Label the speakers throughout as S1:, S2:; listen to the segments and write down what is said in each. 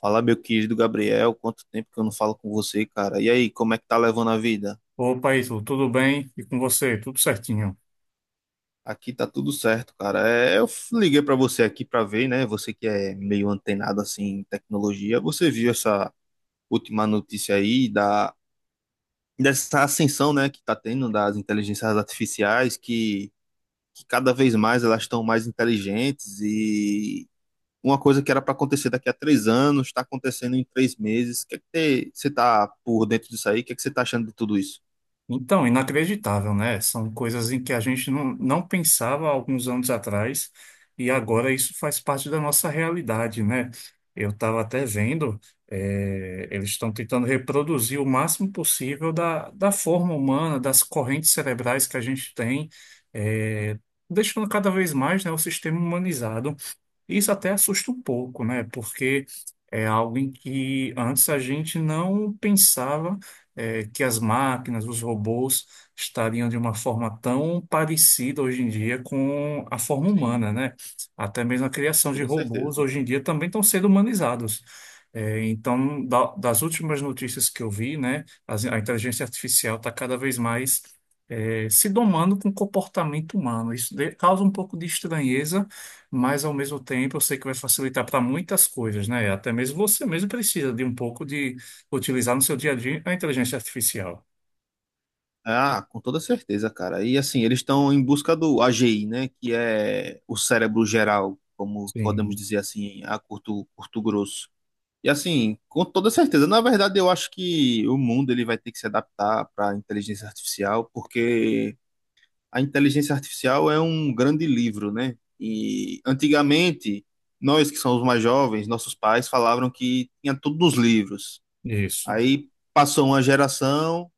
S1: Fala, meu querido Gabriel, quanto tempo que eu não falo com você, cara? E aí, como é que tá levando a vida?
S2: Opa, Ítalo, tudo bem? E com você? Tudo certinho?
S1: Aqui tá tudo certo, cara. Liguei pra você aqui pra ver, né? Você que é meio antenado assim em tecnologia, você viu essa última notícia aí da dessa ascensão, né, que tá tendo das inteligências artificiais que cada vez mais elas estão mais inteligentes e uma coisa que era pra acontecer daqui a 3 anos está acontecendo em 3 meses. O que é que você tá por dentro disso aí? O que é que você tá achando de tudo isso?
S2: Então, inacreditável, né? São coisas em que a gente não pensava há alguns anos atrás e agora isso faz parte da nossa realidade, né? Eu estava até vendo, eles estão tentando reproduzir o máximo possível da forma humana, das correntes cerebrais que a gente tem, eh, deixando cada vez mais, né, o sistema humanizado. Isso até assusta um pouco, né? Porque é algo em que antes a gente não pensava que as máquinas, os robôs estariam de uma forma tão parecida hoje em dia com a forma
S1: Sim.
S2: humana, né? Até mesmo a criação de
S1: Toda
S2: robôs
S1: certeza.
S2: hoje em dia também estão sendo humanizados. É, então, das últimas notícias que eu vi, né, a inteligência artificial está cada vez mais se domando com o comportamento humano. Isso causa um pouco de estranheza, mas ao mesmo tempo eu sei que vai facilitar para muitas coisas, né? Até mesmo você mesmo precisa de um pouco de utilizar no seu dia a dia a inteligência artificial.
S1: Ah, com toda certeza, cara. E assim, eles estão em busca do AGI, né? Que é o cérebro geral, como podemos
S2: Sim,
S1: dizer assim, a curto grosso. E assim, com toda certeza. Na verdade, eu acho que o mundo ele vai ter que se adaptar para a inteligência artificial, porque a inteligência artificial é um grande livro, né? E antigamente, nós que somos mais jovens, nossos pais falavam que tinha tudo nos livros.
S2: isso,
S1: Aí passou uma geração.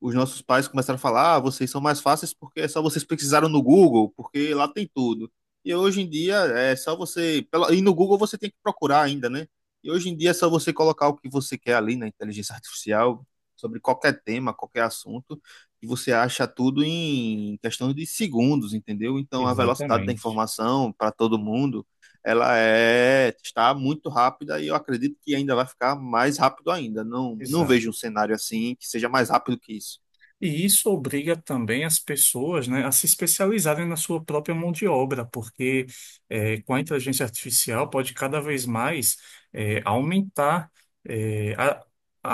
S1: Os nossos pais começaram a falar: ah, vocês são mais fáceis porque é só vocês pesquisaram no Google, porque lá tem tudo. E hoje em dia é só você. E no Google você tem que procurar ainda, né? E hoje em dia é só você colocar o que você quer ali na inteligência artificial, sobre qualquer tema, qualquer assunto, e você acha tudo em questão de segundos, entendeu? Então a velocidade da
S2: exatamente.
S1: informação para todo mundo, está muito rápida e eu acredito que ainda vai ficar mais rápido ainda. Não
S2: Exato.
S1: vejo um cenário assim que seja mais rápido que isso.
S2: E isso obriga também as pessoas, né, a se especializarem na sua própria mão de obra, porque com a inteligência artificial pode cada vez mais aumentar eh, a,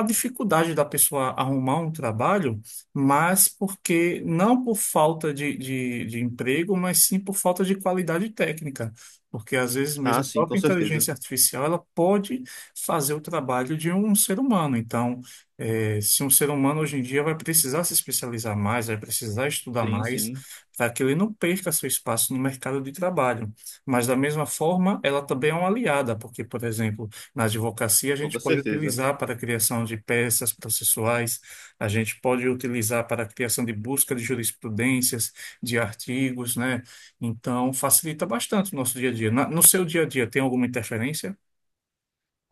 S2: a dificuldade da pessoa arrumar um trabalho, mas porque não por falta de emprego, mas sim por falta de qualidade técnica. Porque às vezes
S1: Ah,
S2: mesmo a
S1: sim, com
S2: própria
S1: certeza.
S2: inteligência artificial ela pode fazer o trabalho de um ser humano. Então, é, se um ser humano hoje em dia vai precisar se especializar mais, vai precisar estudar
S1: Sim,
S2: mais,
S1: sim,
S2: para que ele não perca seu espaço no mercado de trabalho. Mas, da mesma forma, ela também é uma aliada, porque, por exemplo, na advocacia, a gente
S1: toda
S2: pode
S1: certeza.
S2: utilizar para a criação de peças processuais, a gente pode utilizar para a criação de busca de jurisprudências, de artigos, né? Então, facilita bastante o nosso dia a dia. No seu dia a dia, tem alguma interferência?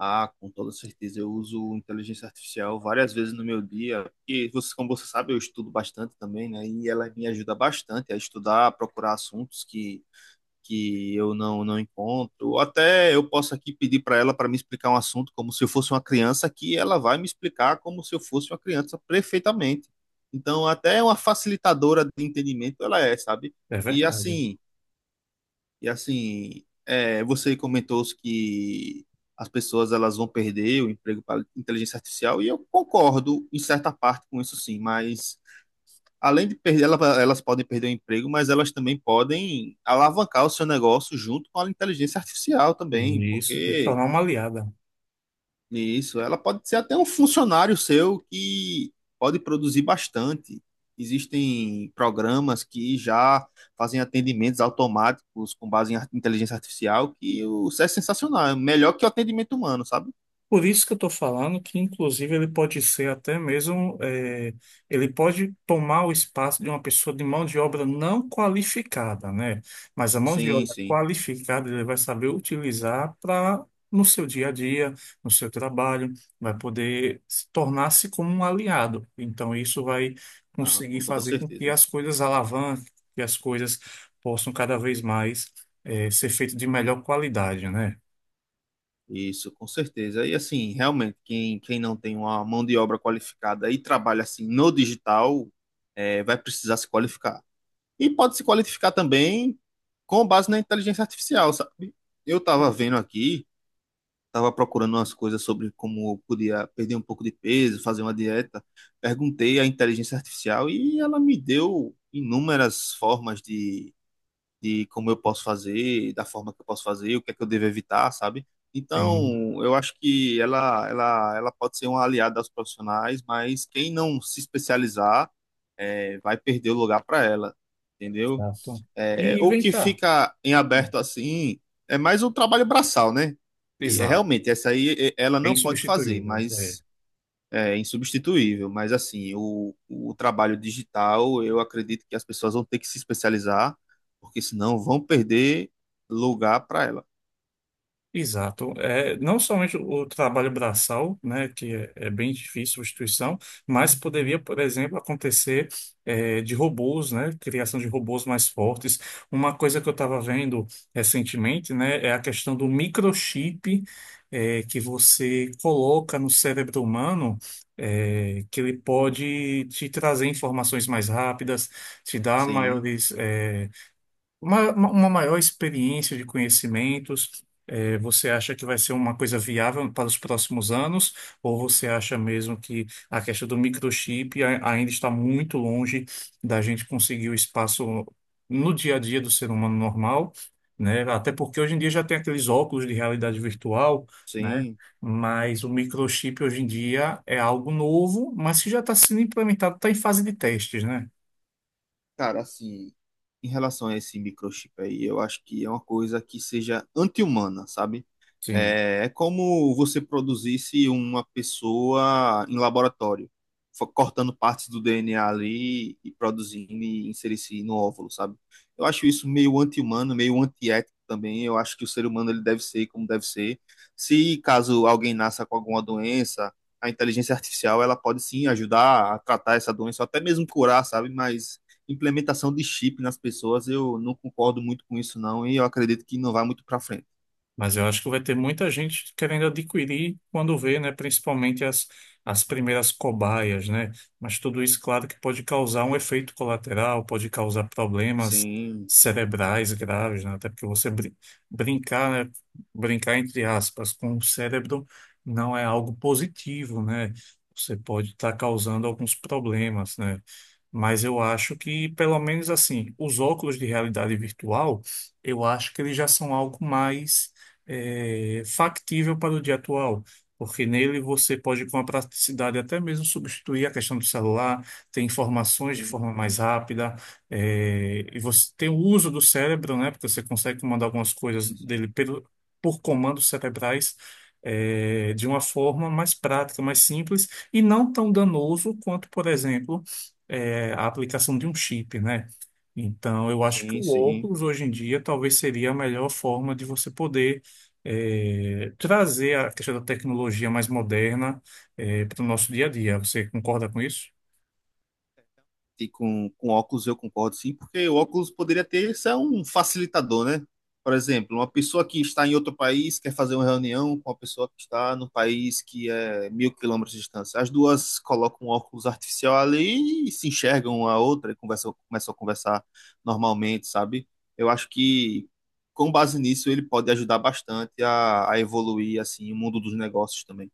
S1: Ah, com toda certeza. Eu uso inteligência artificial várias vezes no meu dia. E você, como você sabe, eu estudo bastante também, né? E ela me ajuda bastante a estudar, a procurar assuntos que eu não encontro. Ou até eu posso aqui pedir para ela para me explicar um assunto como se eu fosse uma criança, que ela vai me explicar como se eu fosse uma criança perfeitamente. Então, até uma facilitadora de entendimento ela é, sabe?
S2: É
S1: E
S2: verdade.
S1: assim. Você comentou que as pessoas elas vão perder o emprego para a inteligência artificial, e eu concordo em certa parte com isso sim, mas além de perder, elas podem perder o emprego, mas elas também podem alavancar o seu negócio junto com a inteligência artificial
S2: E
S1: também,
S2: isso tem que
S1: porque
S2: tornar uma aliada.
S1: isso, ela pode ser até um funcionário seu que pode produzir bastante. Existem programas que já fazem atendimentos automáticos com base em inteligência artificial, isso é sensacional, é melhor que o atendimento humano, sabe?
S2: Por isso que eu estou falando que, inclusive, ele pode ser até mesmo, ele pode tomar o espaço de uma pessoa de mão de obra não qualificada, né? Mas a mão de
S1: Sim,
S2: obra
S1: sim.
S2: qualificada ele vai saber utilizar para no seu dia a dia, no seu trabalho, vai poder se tornar-se como um aliado. Então, isso vai
S1: Ah,
S2: conseguir
S1: com toda
S2: fazer com que
S1: certeza.
S2: as coisas alavanquem, que as coisas possam cada vez mais, ser feitas de melhor qualidade, né?
S1: Isso, com certeza. E assim, realmente, quem não tem uma mão de obra qualificada e trabalha assim no digital, vai precisar se qualificar. E pode se qualificar também com base na inteligência artificial, sabe? Eu estava vendo aqui, estava procurando umas coisas sobre como eu podia perder um pouco de peso, fazer uma dieta. Perguntei à inteligência artificial e ela me deu inúmeras formas de como eu posso fazer, da forma que eu posso fazer, o que é que eu devo evitar, sabe?
S2: Tem-
S1: Então, eu acho que ela pode ser uma aliada aos profissionais, mas quem não se especializar, vai perder o lugar para ela, entendeu?
S2: Exato.
S1: É,
S2: E
S1: o
S2: vem
S1: que
S2: cá.
S1: fica em aberto assim é mais o trabalho braçal, né? E é,
S2: Exato.
S1: realmente, essa aí é, ela
S2: É
S1: não pode fazer,
S2: insubstituível. É.
S1: mas é insubstituível. Mas assim, o trabalho digital, eu acredito que as pessoas vão ter que se especializar, porque senão vão perder lugar para ela.
S2: Exato. É, não somente o trabalho braçal, né, que é bem difícil substituição, mas poderia, por exemplo, acontecer é, de robôs, né, criação de robôs mais fortes. Uma coisa que eu estava vendo recentemente, né, é a questão do microchip é, que você coloca no cérebro humano, é, que ele pode te trazer informações mais rápidas, te dar
S1: Sim,
S2: maiores, é, uma maior experiência de conhecimentos. É, você acha que vai ser uma coisa viável para os próximos anos, ou você acha mesmo que a questão do microchip ainda está muito longe da gente conseguir o espaço no dia a dia do ser humano normal, né? Até porque hoje em dia já tem aqueles óculos de realidade virtual, né?
S1: sim.
S2: Mas o microchip hoje em dia é algo novo, mas que já está sendo implementado, está em fase de testes, né?
S1: Cara, assim, em relação a esse microchip aí, eu acho que é uma coisa que seja anti-humana, sabe?
S2: Sim.
S1: É como você produzisse uma pessoa em laboratório, cortando partes do DNA ali e produzindo e inserisse no óvulo, sabe? Eu acho isso meio anti-humano, meio antiético também. Eu acho que o ser humano ele deve ser como deve ser. Se caso alguém nasça com alguma doença, a inteligência artificial ela pode sim ajudar a tratar essa doença, ou até mesmo curar, sabe? Mas implementação de chip nas pessoas, eu não concordo muito com isso, não, e eu acredito que não vai muito para frente.
S2: Mas eu acho que vai ter muita gente querendo adquirir quando vê, né, principalmente as primeiras cobaias, né? Mas tudo isso, claro, que pode causar um efeito colateral, pode causar problemas
S1: Sim,
S2: cerebrais graves, né? Até porque você brincar, né, brincar entre aspas com o cérebro não é algo positivo, né? Você pode estar causando alguns problemas, né? Mas eu acho que, pelo menos assim, os óculos de realidade virtual, eu acho que eles já são algo mais é, factível para o dia atual, porque nele você pode, com a praticidade, até mesmo substituir a questão do celular, ter informações de
S1: sim,
S2: forma mais rápida, é, e você tem o uso do cérebro, né? Porque você consegue comandar algumas coisas
S1: sim,
S2: dele
S1: sim,
S2: pelo, por comandos cerebrais. É, de uma forma mais prática, mais simples e não tão danoso quanto, por exemplo, é, a aplicação de um chip, né? Então, eu acho que
S1: sim,
S2: o
S1: sim.
S2: óculos hoje em dia talvez seria a melhor forma de você poder trazer a questão da tecnologia mais moderna, para o nosso dia a dia. Você concorda com isso?
S1: E com óculos eu concordo sim, porque o óculos poderia ter, isso é um facilitador, né? Por exemplo, uma pessoa que está em outro país quer fazer uma reunião com uma pessoa que está no país que é 1.000 km de distância. As duas colocam um óculos artificial ali e se enxergam uma a outra e conversam, começam a conversar normalmente, sabe? Eu acho que com base nisso ele pode ajudar bastante a evoluir assim o mundo dos negócios também.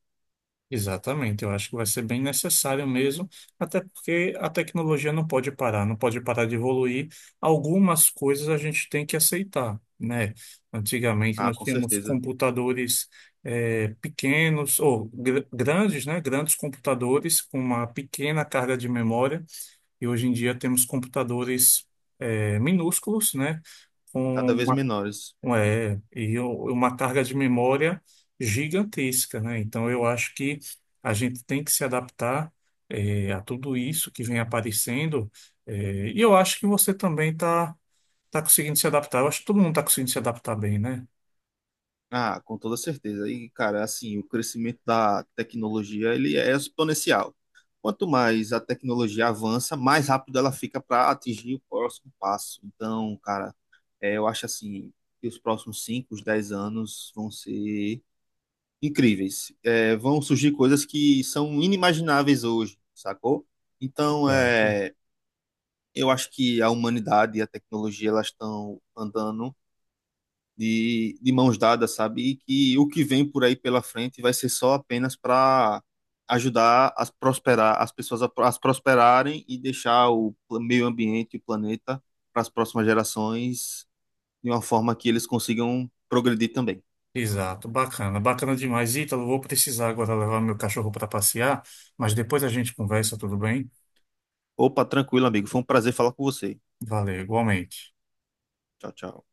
S2: Exatamente, eu acho que vai ser bem necessário mesmo, até porque a tecnologia não pode parar, não pode parar de evoluir. Algumas coisas a gente tem que aceitar, né? Antigamente
S1: Ah,
S2: nós
S1: com
S2: tínhamos
S1: certeza.
S2: computadores pequenos, ou grandes, né? Grandes computadores com uma pequena carga de memória. E hoje em dia temos computadores é, minúsculos, né? Com
S1: Cada vez
S2: uma,
S1: menores.
S2: um, uma carga de memória gigantesca, né? Então eu acho que a gente tem que se adaptar é, a tudo isso que vem aparecendo. É, e eu acho que você também está tá tá conseguindo se adaptar. Eu acho que todo mundo está conseguindo se adaptar bem, né?
S1: Ah, com toda certeza. E, cara, assim, o crescimento da tecnologia, ele é exponencial. Quanto mais a tecnologia avança, mais rápido ela fica para atingir o próximo passo. Então, cara, eu acho assim, que os próximos 5, os 10 anos vão ser incríveis. É, vão surgir coisas que são inimagináveis hoje, sacou? Então,
S2: Exato.
S1: é, eu acho que a humanidade e a tecnologia, elas estão andando de mãos dadas, sabe? E que o que vem por aí pela frente vai ser só apenas para ajudar a prosperar, as pessoas a prosperarem e deixar o meio ambiente e o planeta para as próximas gerações de uma forma que eles consigam progredir também.
S2: Exato, bacana, bacana demais. Ítalo, vou precisar agora levar meu cachorro para passear, mas depois a gente conversa, tudo bem?
S1: Opa, tranquilo, amigo. Foi um prazer falar com você.
S2: Valeu, igualmente.
S1: Tchau, tchau.